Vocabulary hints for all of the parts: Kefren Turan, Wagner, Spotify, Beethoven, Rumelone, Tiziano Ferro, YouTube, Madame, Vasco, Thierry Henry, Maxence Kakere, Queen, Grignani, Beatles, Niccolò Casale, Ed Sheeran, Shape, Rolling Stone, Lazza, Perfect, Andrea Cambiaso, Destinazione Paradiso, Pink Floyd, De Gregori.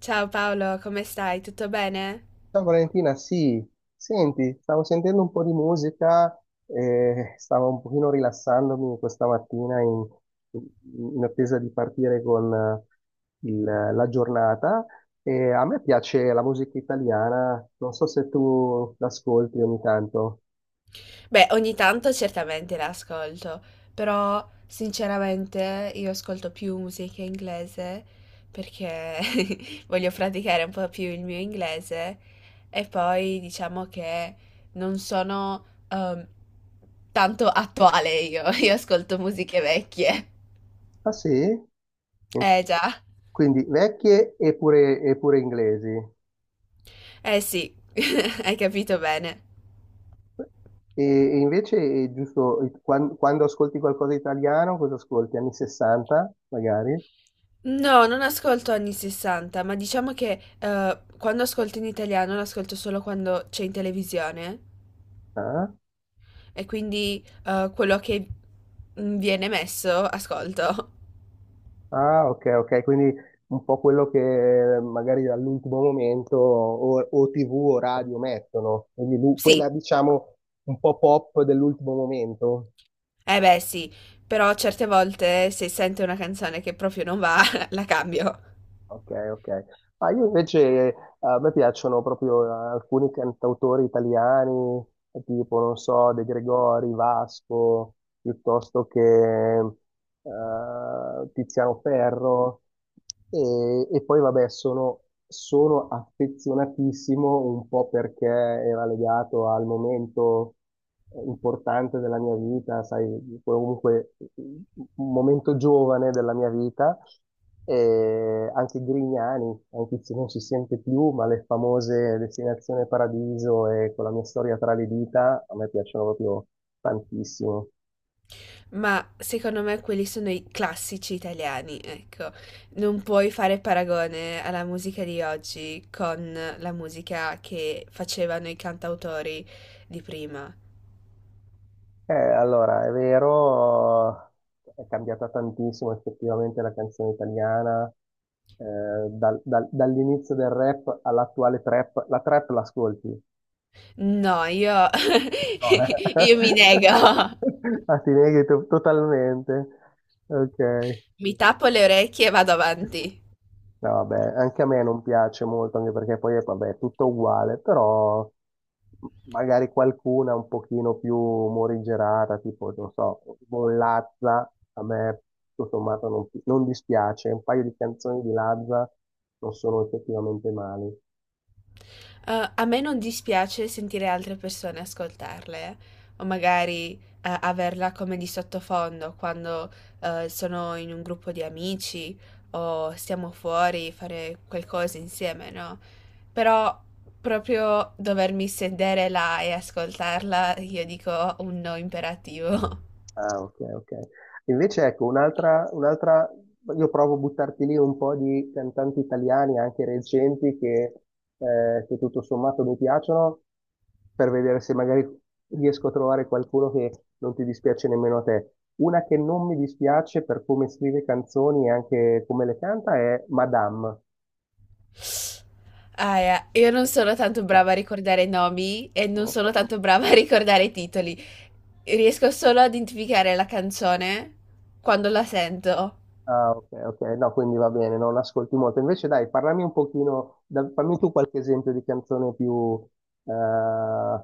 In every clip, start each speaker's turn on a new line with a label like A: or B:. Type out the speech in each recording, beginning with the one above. A: Ciao Paolo, come stai? Tutto bene?
B: Ciao Valentina, sì, senti, stavo sentendo un po' di musica e stavo un pochino rilassandomi questa mattina in attesa di partire con la giornata, e a me piace la musica italiana, non so se tu l'ascolti ogni tanto.
A: Beh, ogni tanto certamente l'ascolto, però sinceramente io ascolto più musica inglese perché voglio praticare un po' più il mio inglese e poi diciamo che non sono tanto attuale io, io ascolto musiche vecchie.
B: Ah sì?
A: Eh già,
B: Quindi vecchie e pure inglesi.
A: eh sì, hai capito bene.
B: E invece, giusto, quando ascolti qualcosa di italiano, cosa ascolti? Anni 60, magari?
A: No, non ascolto anni 60, ma diciamo che quando ascolto in italiano lo ascolto solo quando c'è in televisione
B: Ah,
A: e quindi quello che viene messo ascolto.
B: ah, ok, ok, quindi un po' quello che magari all'ultimo momento o TV o radio mettono, quindi
A: Sì,
B: quella, diciamo, un po' pop dell'ultimo momento.
A: eh beh sì, però certe volte se sento una canzone che proprio non va, la cambio.
B: Ok, ok. Ma io invece, a me piacciono proprio alcuni cantautori italiani, tipo, non so, De Gregori, Vasco, piuttosto che Tiziano Ferro. E poi, vabbè, sono affezionatissimo un po' perché era legato al momento importante della mia vita, sai, comunque un momento giovane della mia vita. E anche Grignani, anche se non si sente più, ma le famose Destinazione Paradiso e Con la mia storia tra le dita a me piacciono proprio tantissimo.
A: Ma secondo me quelli sono i classici italiani, ecco. Non puoi fare paragone alla musica di oggi con la musica che facevano i cantautori di prima.
B: Allora, è vero, è cambiata tantissimo effettivamente la canzone italiana, eh, dall'inizio del rap all'attuale trap. La trap l'ascolti?
A: No, io,
B: No, eh.
A: io mi nego,
B: Ah, ti neghi totalmente. Ok.
A: mi tappo le orecchie e vado avanti.
B: No, vabbè, anche a me non piace molto, anche perché poi, vabbè, è tutto uguale, però magari qualcuna un pochino più morigerata, tipo, non so, un Lazza, a me tutto sommato non dispiace. Un paio di canzoni di Lazza non sono effettivamente male.
A: A me non dispiace sentire altre persone ascoltarle, o magari averla come di sottofondo quando sono in un gruppo di amici o stiamo fuori, fare qualcosa insieme, no? Però proprio dovermi sedere là e ascoltarla, io dico un no imperativo.
B: Ah, ok, ok. Invece ecco, un'altra, io provo a buttarti lì un po' di cantanti italiani, anche recenti, che tutto sommato mi piacciono, per vedere se magari riesco a trovare qualcuno che non ti dispiace nemmeno a te. Una che non mi dispiace per come scrive canzoni e anche come le canta è Madame.
A: Ah, io non sono tanto brava a ricordare nomi e non
B: No.
A: sono tanto brava a ricordare i titoli. Riesco solo ad identificare la canzone quando la sento.
B: Ah, ok, ok, no, quindi va bene, non ascolti molto. Invece dai, parlami un pochino, fammi tu qualche esempio di canzone più, eh,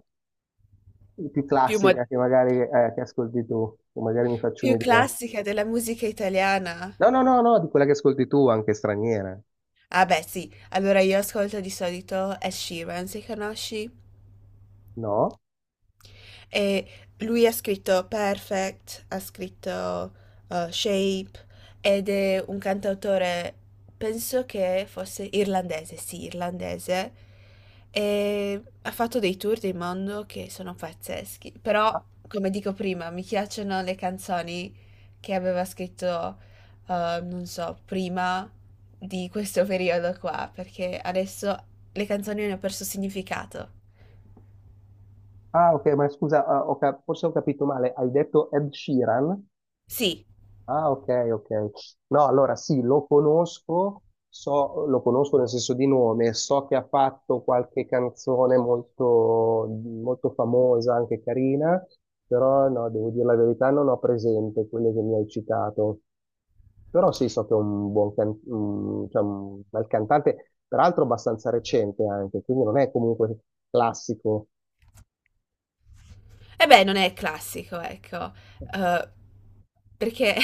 B: più
A: Più,
B: classica che magari che ascolti tu, che magari mi faccio
A: più
B: un'idea.
A: classica della musica italiana.
B: No, no, no, no, di quella che ascolti tu, anche straniera.
A: Ah, beh, sì. Allora io ascolto di solito Ed Sheeran, se conosci?
B: No?
A: E lui ha scritto Perfect, ha scritto Shape ed è un cantautore, penso che fosse irlandese, sì, irlandese. E ha fatto dei tour del mondo che sono pazzeschi. Però,
B: Ah,
A: come dico prima, mi piacciono le canzoni che aveva scritto, non so, prima di questo periodo qua, perché adesso le canzoni hanno perso significato.
B: ah, ok, ma scusa, ah, ho forse ho capito male, hai detto Ed Sheeran?
A: Sì.
B: Ah, ok, ok. No, allora sì, lo conosco, lo conosco nel senso di nome, so che ha fatto qualche canzone molto famosa, anche carina, però no, devo dire la verità, non ho presente quelle che mi hai citato. Però sì, so che è un cioè un bel cantante, peraltro abbastanza recente anche, quindi non è comunque classico.
A: E beh, non è classico, ecco. Uhm, perché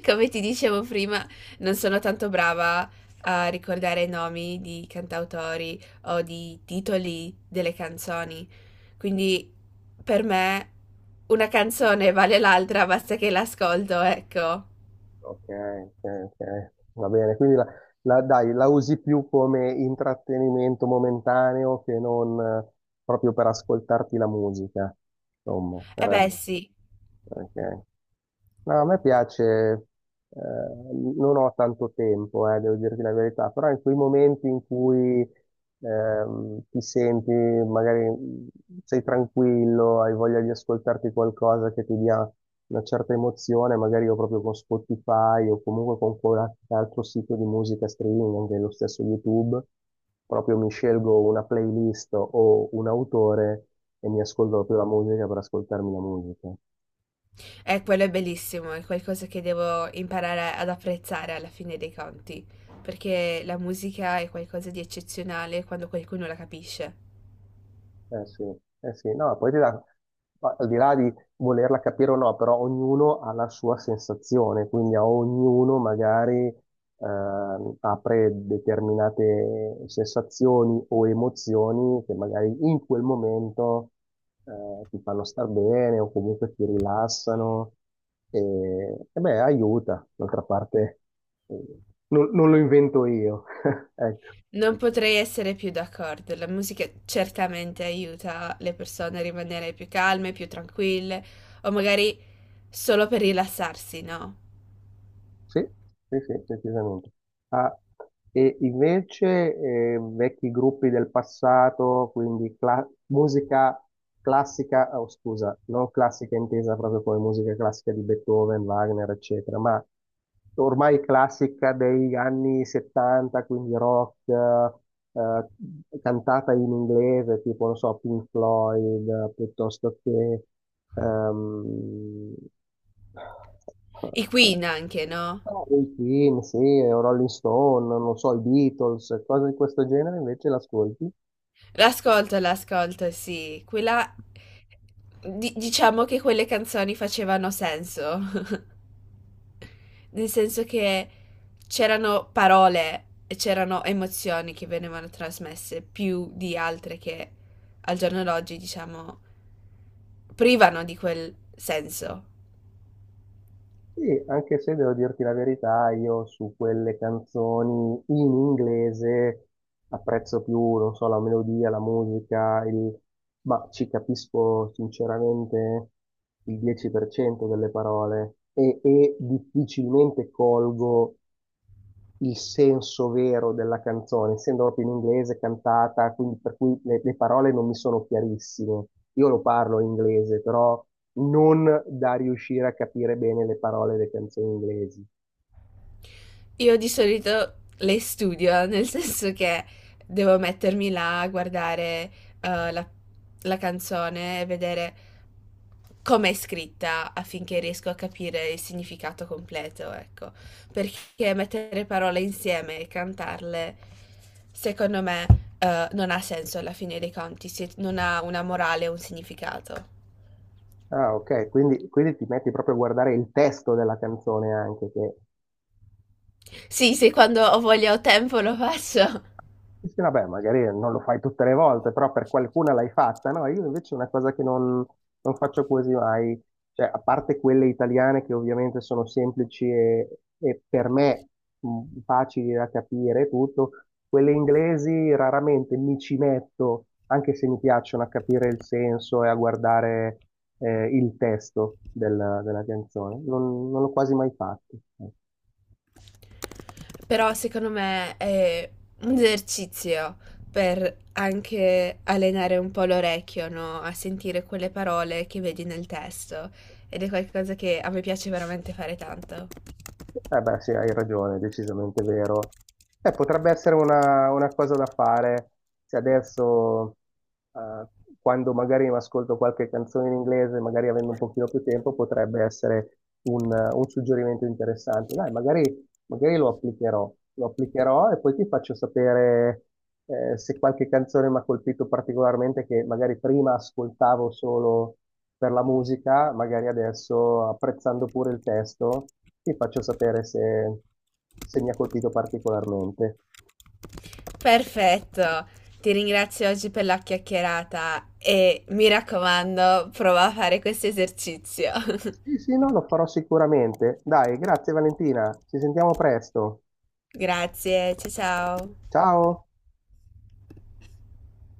A: come ti dicevo prima, non sono tanto brava a ricordare i nomi di cantautori o di titoli delle canzoni. Quindi per me una canzone vale l'altra, basta che l'ascolto, ecco.
B: Ok, ok, ok. Va bene, quindi dai, la usi più come intrattenimento momentaneo che non proprio per ascoltarti la musica, insomma,
A: E beh,
B: per...
A: ovvio. Sì,
B: Ok. No, a me piace, eh, non ho tanto tempo, devo dirti la verità, però in quei momenti in cui ti senti, magari sei tranquillo, hai voglia di ascoltarti qualcosa che ti dia una certa emozione, magari io proprio con Spotify o comunque con qualche altro sito di musica streaming, anche lo stesso YouTube, proprio mi scelgo una playlist o un autore e mi ascolto proprio la musica per ascoltarmi la musica.
A: quello è bellissimo, è qualcosa che devo imparare ad apprezzare alla fine dei conti, perché la musica è qualcosa di eccezionale quando qualcuno la capisce.
B: Eh sì, eh sì, no, poi ti dà, ma al di là di volerla capire o no, però ognuno ha la sua sensazione, quindi a ognuno magari apre determinate sensazioni o emozioni che magari in quel momento ti fanno star bene o comunque ti rilassano e, e beh, aiuta, d'altra parte, eh, non lo invento io. Ecco.
A: Non potrei essere più d'accordo. La musica certamente aiuta le persone a rimanere più calme, più tranquille, o magari solo per rilassarsi, no?
B: Sì, sì, sì, decisamente. Ah, e invece vecchi gruppi del passato, quindi musica classica, oh, scusa, non classica intesa proprio come musica classica di Beethoven, Wagner, eccetera, ma ormai classica degli anni 70, quindi rock, cantata in inglese, tipo, non so, Pink Floyd, piuttosto che... ehm,
A: I Queen anche, no?
B: Ah, i film, sì, o Rolling Stone, non so, i Beatles, cose di questo genere invece l'ascolti.
A: L'ascolto, l'ascolto, sì. Quella... diciamo che quelle canzoni facevano senso, nel senso che c'erano parole e c'erano emozioni che venivano trasmesse più di altre che al giorno d'oggi, diciamo privano di quel senso.
B: Sì, anche se devo dirti la verità, io su quelle canzoni in inglese apprezzo più, non so, la melodia, la musica, il... ma ci capisco sinceramente il 10% delle parole e difficilmente colgo il senso vero della canzone, essendo proprio in inglese cantata, quindi per cui le parole non mi sono chiarissime. Io lo parlo in inglese, però non da riuscire a capire bene le parole delle canzoni inglesi.
A: Io di solito le studio, nel senso che devo mettermi là a guardare eh, la, la canzone e vedere come è scritta affinché riesco a capire il significato completo, ecco. Perché mettere parole insieme e cantarle, secondo me, non ha senso alla fine dei conti, se non ha una morale o un significato.
B: Ah, ok, quindi ti metti proprio a guardare il testo della canzone anche, che...
A: Sì, se quando ho voglia o tempo lo faccio.
B: Sì, sì, vabbè, magari non lo fai tutte le volte, però per qualcuna l'hai fatta, no? Io invece è una cosa che non faccio quasi mai, cioè, a parte quelle italiane che ovviamente sono semplici e per me facili da capire e tutto, quelle inglesi raramente mi ci metto, anche se mi piacciono a capire il senso e a guardare il testo della canzone. Non l'ho quasi mai fatto, ecco.
A: Però secondo me è un esercizio per anche allenare un po' l'orecchio, no? A sentire quelle parole che vedi nel testo. Ed è qualcosa che a me piace veramente fare tanto.
B: Eh beh, sì, hai ragione, è decisamente vero. Potrebbe essere una cosa da fare se adesso, eh, quando magari mi ascolto qualche canzone in inglese, magari avendo un pochino più tempo, potrebbe essere un suggerimento interessante. Dai, magari, magari lo applicherò e poi ti faccio sapere, se qualche canzone mi ha colpito particolarmente che magari prima ascoltavo solo per la musica, magari adesso apprezzando pure il testo, ti faccio sapere se mi ha colpito particolarmente.
A: Perfetto! Ti ringrazio oggi per la chiacchierata e mi raccomando, prova a fare questo esercizio.
B: Sì, sì, no, lo farò sicuramente. Dai, grazie Valentina, ci sentiamo presto.
A: Grazie, ciao ciao!
B: Ciao!